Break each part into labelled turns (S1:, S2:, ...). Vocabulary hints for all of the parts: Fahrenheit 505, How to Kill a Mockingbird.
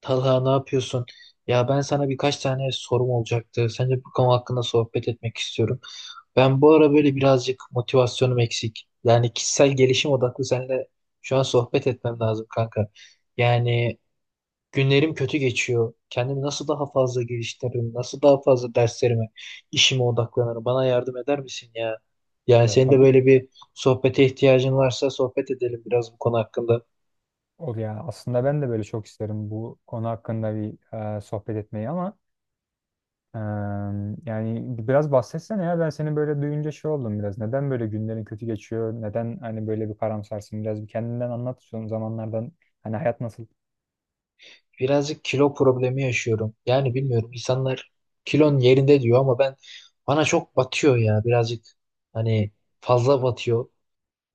S1: Talha ne yapıyorsun? Ya ben sana birkaç tane sorum olacaktı. Sence bu konu hakkında sohbet etmek istiyorum. Ben bu ara böyle birazcık motivasyonum eksik. Yani kişisel gelişim odaklı seninle şu an sohbet etmem lazım kanka. Yani günlerim kötü geçiyor. Kendimi nasıl daha fazla geliştiririm? Nasıl daha fazla derslerime, işime odaklanırım? Bana yardım eder misin ya? Yani
S2: Ya
S1: senin de
S2: tabii ki
S1: böyle
S2: de.
S1: bir sohbete ihtiyacın varsa sohbet edelim biraz bu konu hakkında.
S2: O yani aslında ben de böyle çok isterim bu konu hakkında bir sohbet etmeyi ama e, yani biraz bahsetsene ya ben seni böyle duyunca şey oldum biraz. Neden böyle günlerin kötü geçiyor? Neden hani böyle bir karamsarsın? Biraz bir kendinden anlat son zamanlardan hani hayat nasıl?
S1: Birazcık kilo problemi yaşıyorum. Yani bilmiyorum, insanlar kilon yerinde diyor ama ben, bana çok batıyor ya, birazcık hani fazla batıyor.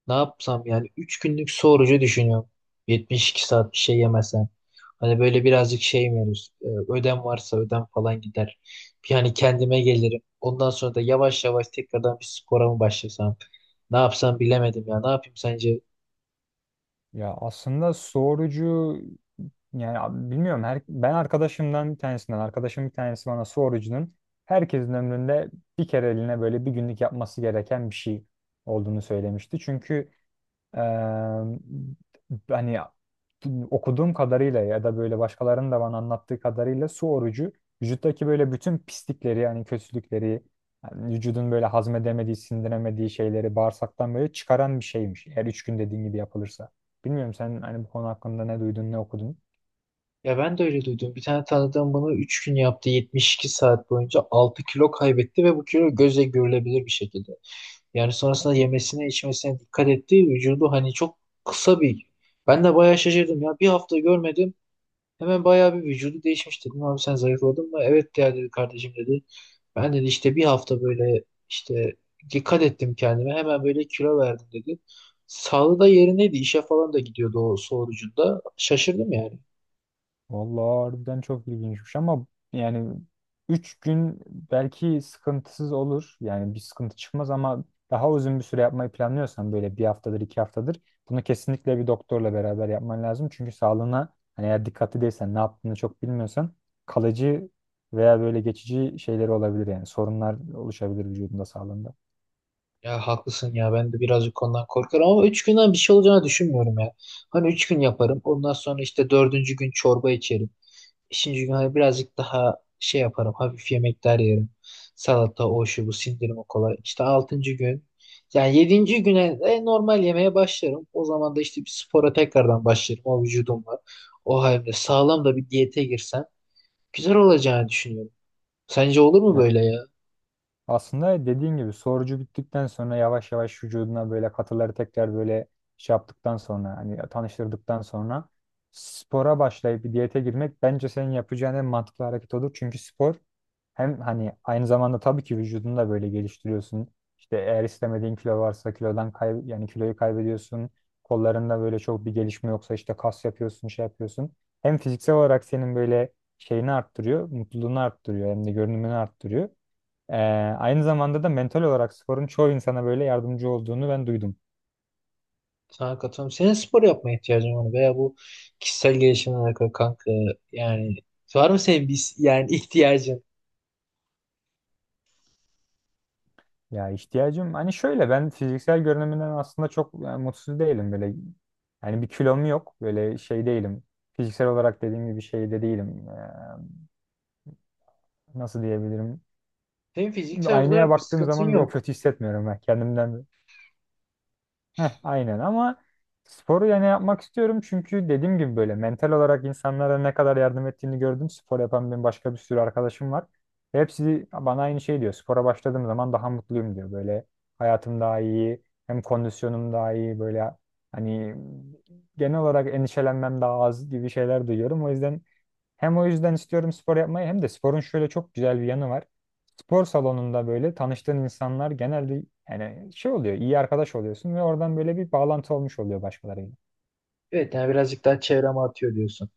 S1: Ne yapsam yani, 3 günlük su orucu düşünüyorum. 72 saat bir şey yemesem. Hani böyle birazcık şey mi olur? Ödem varsa ödem falan gider. Yani kendime gelirim. Ondan sonra da yavaş yavaş tekrardan bir spora mı başlasam? Ne yapsam bilemedim ya. Ne yapayım sence?
S2: Ya aslında sorucu yani bilmiyorum her, ben arkadaşımdan bir tanesinden arkadaşım bir tanesi bana sorucunun herkesin ömründe bir kere eline böyle bir günlük yapması gereken bir şey olduğunu söylemişti. Çünkü Eee, hani okuduğum kadarıyla ya da böyle başkalarının da bana anlattığı kadarıyla su orucu vücuttaki böyle bütün pislikleri yani kötülükleri yani vücudun böyle hazmedemediği, sindiremediği şeyleri bağırsaktan böyle çıkaran bir şeymiş. Eğer üç gün dediğin gibi yapılırsa. Bilmiyorum sen hani bu konu hakkında ne duydun, ne okudun?
S1: Ya ben de öyle duydum. Bir tane tanıdığım bunu 3 gün yaptı. 72 saat boyunca 6 kilo kaybetti ve bu kilo gözle görülebilir bir şekilde. Yani sonrasında
S2: Allah.
S1: yemesine içmesine dikkat etti. Vücudu hani çok kısa bir... Ben de bayağı şaşırdım ya. Bir hafta görmedim. Hemen bayağı bir vücudu değişmiş, dedim. Abi, sen zayıfladın mı? Evet ya, dedi, kardeşim, dedi. Ben, dedi, işte bir hafta böyle işte dikkat ettim kendime. Hemen böyle kilo verdim, dedi. Sağlığı da yerindeydi. İşe falan da gidiyordu o sorucunda. Şaşırdım yani.
S2: Vallahi harbiden çok ilginçmiş ama yani 3 gün belki sıkıntısız olur. Yani bir sıkıntı çıkmaz ama daha uzun bir süre yapmayı planlıyorsan böyle bir haftadır iki haftadır bunu kesinlikle bir doktorla beraber yapman lazım. Çünkü sağlığına hani eğer dikkatli değilsen ne yaptığını çok bilmiyorsan kalıcı veya böyle geçici şeyleri olabilir yani sorunlar oluşabilir vücudunda sağlığında.
S1: Ya haklısın ya, ben de birazcık konudan korkarım ama 3 günden bir şey olacağını düşünmüyorum ya. Hani 3 gün yaparım, ondan sonra işte dördüncü gün çorba içerim. Beşinci gün hani birazcık daha şey yaparım, hafif yemekler yerim. Salata, o, şu, bu, sindirimi kolay. İşte altıncı gün, yani yedinci güne de normal yemeye başlarım. O zaman da işte bir spora tekrardan başlarım o vücudumla. O halde sağlam da bir diyete girsem güzel olacağını düşünüyorum. Sence olur mu
S2: Yani
S1: böyle ya?
S2: aslında dediğin gibi sorucu bittikten sonra yavaş yavaş vücuduna böyle katıları tekrar böyle şey yaptıktan sonra hani tanıştırdıktan sonra spora başlayıp bir diyete girmek bence senin yapacağın en mantıklı hareket olur. Çünkü spor hem hani aynı zamanda tabii ki vücudunu da böyle geliştiriyorsun. İşte eğer istemediğin kilo varsa kilodan kay yani kiloyu kaybediyorsun. Kollarında böyle çok bir gelişme yoksa işte kas yapıyorsun, şey yapıyorsun. Hem fiziksel olarak senin böyle şeyini arttırıyor, mutluluğunu arttırıyor hem de görünümünü arttırıyor. Ee, Aynı zamanda da mental olarak sporun çoğu insana böyle yardımcı olduğunu ben duydum.
S1: Sana katılıyorum. Senin spor yapmaya ihtiyacın var mı? Veya bu kişisel gelişimle alakalı kanka, yani var mı senin bir yani ihtiyacın?
S2: Ya ihtiyacım hani şöyle ben fiziksel görünümünden aslında çok yani, mutsuz değilim böyle. Yani bir kilom yok böyle şey değilim. Fiziksel olarak dediğim gibi şey de değilim. Nasıl diyebilirim?
S1: Senin fiziksel
S2: Aynaya
S1: olarak bir
S2: baktığım
S1: sıkıntın
S2: zaman böyle
S1: yok.
S2: kötü hissetmiyorum ben kendimden. Heh, aynen ama sporu yani yapmak istiyorum çünkü dediğim gibi böyle mental olarak insanlara ne kadar yardım ettiğini gördüm. Spor yapan benim başka bir sürü arkadaşım var. Ve hepsi bana aynı şey diyor. Spora başladığım zaman daha mutluyum diyor. Böyle hayatım daha iyi, hem kondisyonum daha iyi böyle hani genel olarak endişelenmem daha az gibi şeyler duyuyorum. O yüzden hem o yüzden istiyorum spor yapmayı hem de sporun şöyle çok güzel bir yanı var. Spor salonunda böyle tanıştığın insanlar genelde yani şey oluyor, iyi arkadaş oluyorsun ve oradan böyle bir bağlantı olmuş oluyor başkalarıyla.
S1: Evet, yani birazcık daha çevrem artıyor diyorsun.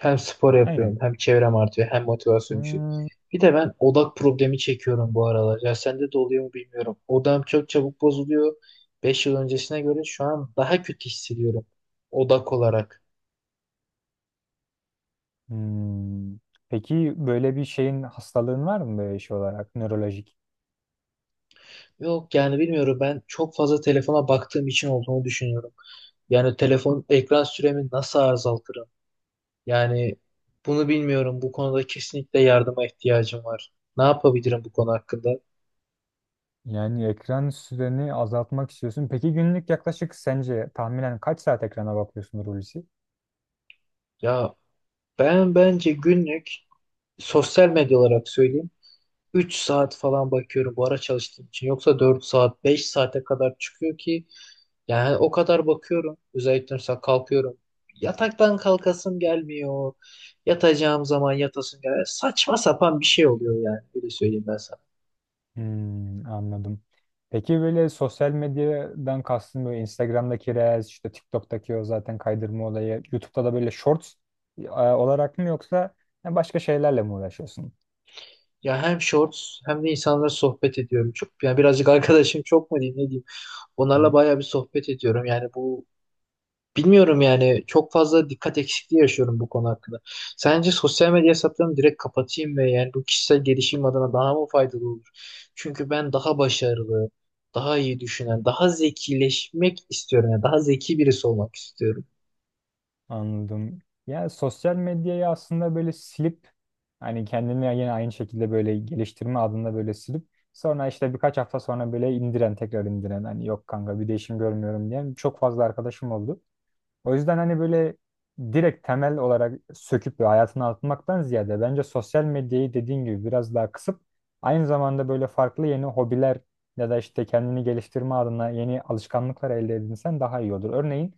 S1: Hem spor yapıyorum,
S2: Aynen.
S1: hem çevrem artıyor, hem motivasyon düşüyor.
S2: Hmm.
S1: Bir de ben odak problemi çekiyorum bu aralar. Ya sende de oluyor mu bilmiyorum. Odam çok çabuk bozuluyor. 5 yıl öncesine göre şu an daha kötü hissediyorum odak olarak.
S2: Hmm. Peki böyle bir şeyin hastalığın var mı böyle şey olarak nörolojik?
S1: Yok yani, bilmiyorum, ben çok fazla telefona baktığım için olduğunu düşünüyorum. Yani telefon ekran süremi nasıl azaltırım? Yani bunu bilmiyorum. Bu konuda kesinlikle yardıma ihtiyacım var. Ne yapabilirim bu konu hakkında?
S2: Yani ekran süreni azaltmak istiyorsun. Peki günlük yaklaşık sence tahminen kaç saat ekrana bakıyorsun Hulusi?
S1: Ya, ben bence günlük, sosyal medya olarak söyleyeyim, 3 saat falan bakıyorum bu ara çalıştığım için. Yoksa 4 saat, 5 saate kadar çıkıyor ki yani o kadar bakıyorum. Özellikle mesela kalkıyorum. Yataktan kalkasım gelmiyor. Yatacağım zaman yatasım gelmiyor. Saçma sapan bir şey oluyor yani. Öyle söyleyeyim ben sana.
S2: Hmm, anladım. Peki böyle sosyal medyadan kastın böyle Instagram'daki Reels, işte TikTok'taki o zaten kaydırma olayı, YouTube'da da böyle Shorts olarak mı yoksa başka şeylerle mi uğraşıyorsun?
S1: Ya, hem shorts hem de insanlarla sohbet ediyorum. Çok, yani birazcık arkadaşım çok mu diyeyim, ne diyeyim. Onlarla
S2: Hı,
S1: bayağı bir sohbet ediyorum. Yani bu, bilmiyorum yani, çok fazla dikkat eksikliği yaşıyorum bu konu hakkında. Sence sosyal medya hesaplarımı direkt kapatayım ve yani bu kişisel gelişim adına daha mı faydalı olur? Çünkü ben daha başarılı, daha iyi düşünen, daha zekileşmek istiyorum. Yani daha zeki birisi olmak istiyorum.
S2: anladım. Yani sosyal medyayı aslında böyle silip hani kendini yine aynı şekilde böyle geliştirme adında böyle silip sonra işte birkaç hafta sonra böyle indiren tekrar indiren hani yok kanka bir değişim görmüyorum diyen çok fazla arkadaşım oldu. O yüzden hani böyle direkt temel olarak söküp ve hayatına atmaktan ziyade bence sosyal medyayı dediğin gibi biraz daha kısıp aynı zamanda böyle farklı yeni hobiler ya da işte kendini geliştirme adına yeni alışkanlıklar elde edinsen daha iyi olur. Örneğin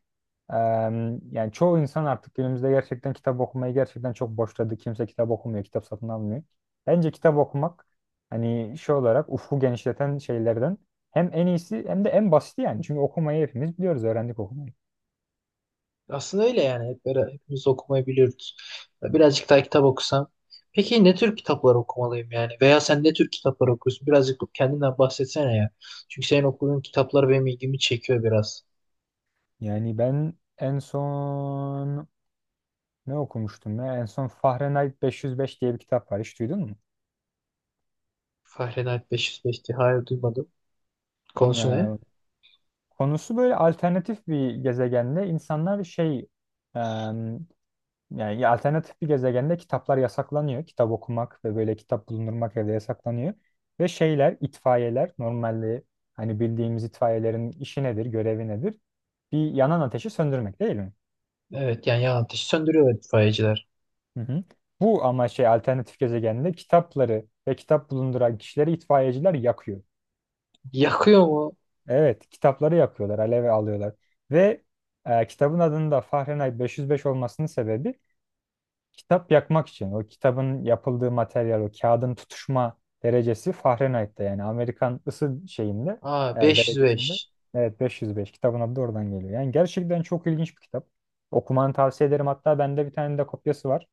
S2: yani çoğu insan artık günümüzde gerçekten kitap okumayı gerçekten çok boşladı. Kimse kitap okumuyor, kitap satın almıyor. Bence kitap okumak hani şey olarak ufku genişleten şeylerden hem en iyisi hem de en basiti yani. Çünkü okumayı hepimiz biliyoruz, öğrendik okumayı.
S1: Aslında öyle yani. Hep böyle, hepimiz okumayı biliyoruz. Birazcık daha kitap okusam. Peki ne tür kitaplar okumalıyım yani? Veya sen ne tür kitaplar okuyorsun? Birazcık kendinden bahsetsene ya. Çünkü senin okuduğun kitaplar benim ilgimi çekiyor biraz.
S2: Yani ben en son ne okumuştum ya? En son Fahrenheit 505 diye bir kitap var. Hiç duydun mu?
S1: Fahrenheit 505 diye, hayır, duymadım. Konusu ne?
S2: Ya konusu böyle alternatif bir gezegende insanlar şey em, yani alternatif bir gezegende kitaplar yasaklanıyor. Kitap okumak ve böyle kitap bulundurmak evde yasaklanıyor. Ve şeyler, itfaiyeler normalde hani bildiğimiz itfaiyelerin işi nedir, görevi nedir? Bir yanan ateşi söndürmek değil mi?
S1: Evet, yani yan ateşi söndürüyorlar itfaiyeciler.
S2: Hı hı. Bu ama şey alternatif gezegende kitapları ve kitap bulunduran kişileri itfaiyeciler yakıyor.
S1: Yakıyor mu?
S2: Evet, kitapları yakıyorlar, aleve alıyorlar. Ve kitabın adının da Fahrenheit 505 olmasının sebebi kitap yakmak için. O kitabın yapıldığı materyal, o kağıdın tutuşma derecesi Fahrenheit'te yani Amerikan ısı şeyinde,
S1: Aa,
S2: derecesinde.
S1: 505.
S2: Evet, 505 kitabın adı da oradan geliyor. Yani gerçekten çok ilginç bir kitap. Okumanı tavsiye ederim. Hatta bende bir tane de kopyası var.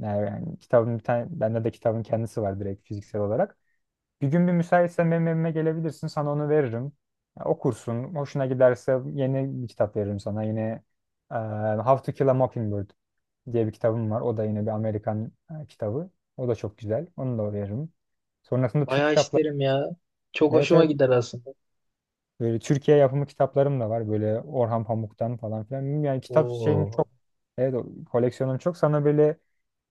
S2: Yani yani kitabın bir tane, bende de kitabın kendisi var direkt fiziksel olarak. Bir gün bir müsaitsen benim evime gelebilirsin, sana onu veririm. Ya, okursun, hoşuna giderse yeni bir kitap veririm sana. Yine e, How to Kill a Mockingbird diye bir kitabım var. O da yine bir Amerikan kitabı. O da çok güzel, onu da veririm. Sonrasında Türk
S1: Bayağı
S2: kitapları,
S1: isterim ya. Çok
S2: evet
S1: hoşuma
S2: evet,
S1: gider aslında.
S2: böyle Türkiye yapımı kitaplarım da var. Böyle Orhan Pamuk'tan falan filan. Yani kitap şeyim
S1: Oo,
S2: çok, evet o koleksiyonum çok. Sana böyle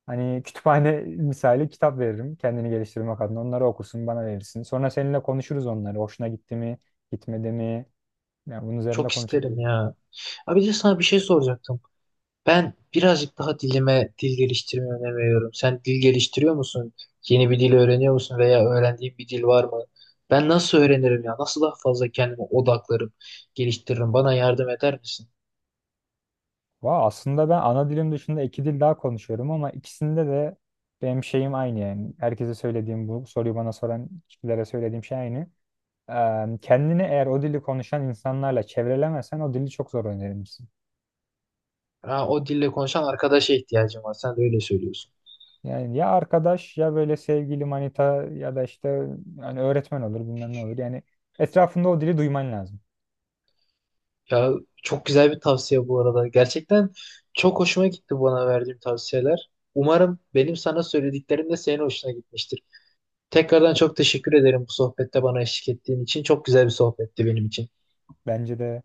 S2: hani kütüphane misali kitap veririm kendini geliştirmek adına. Onları okursun, bana verirsin. Sonra seninle konuşuruz onları. Hoşuna gitti mi, gitmedi mi? Yani bunun üzerinde
S1: çok isterim
S2: konuşabiliriz.
S1: ya. Abi de sana bir şey soracaktım. Ben birazcık daha dil geliştirmeye önem veriyorum. Sen dil geliştiriyor musun? Yeni bir dil öğreniyor musun veya öğrendiğin bir dil var mı? Ben nasıl öğrenirim ya? Nasıl daha fazla kendime odaklarım, geliştiririm? Bana yardım eder misin?
S2: Valla aslında ben ana dilim dışında iki dil daha konuşuyorum ama ikisinde de benim şeyim aynı yani. Herkese söylediğim bu soruyu bana soran kişilere söylediğim şey aynı. Kendini eğer o dili konuşan insanlarla çevrelemesen o dili çok zor öğrenirsin.
S1: Ha, o dille konuşan arkadaşa ihtiyacım var. Sen de öyle söylüyorsun.
S2: Yani ya arkadaş ya böyle sevgili manita ya da işte hani öğretmen olur bilmem ne olur. Yani etrafında o dili duyman lazım.
S1: Ya çok güzel bir tavsiye bu arada. Gerçekten çok hoşuma gitti bana verdiğim tavsiyeler. Umarım benim sana söylediklerim de senin hoşuna gitmiştir. Tekrardan çok teşekkür ederim bu sohbette bana eşlik ettiğin için. Çok güzel bir sohbetti benim için.
S2: Bence de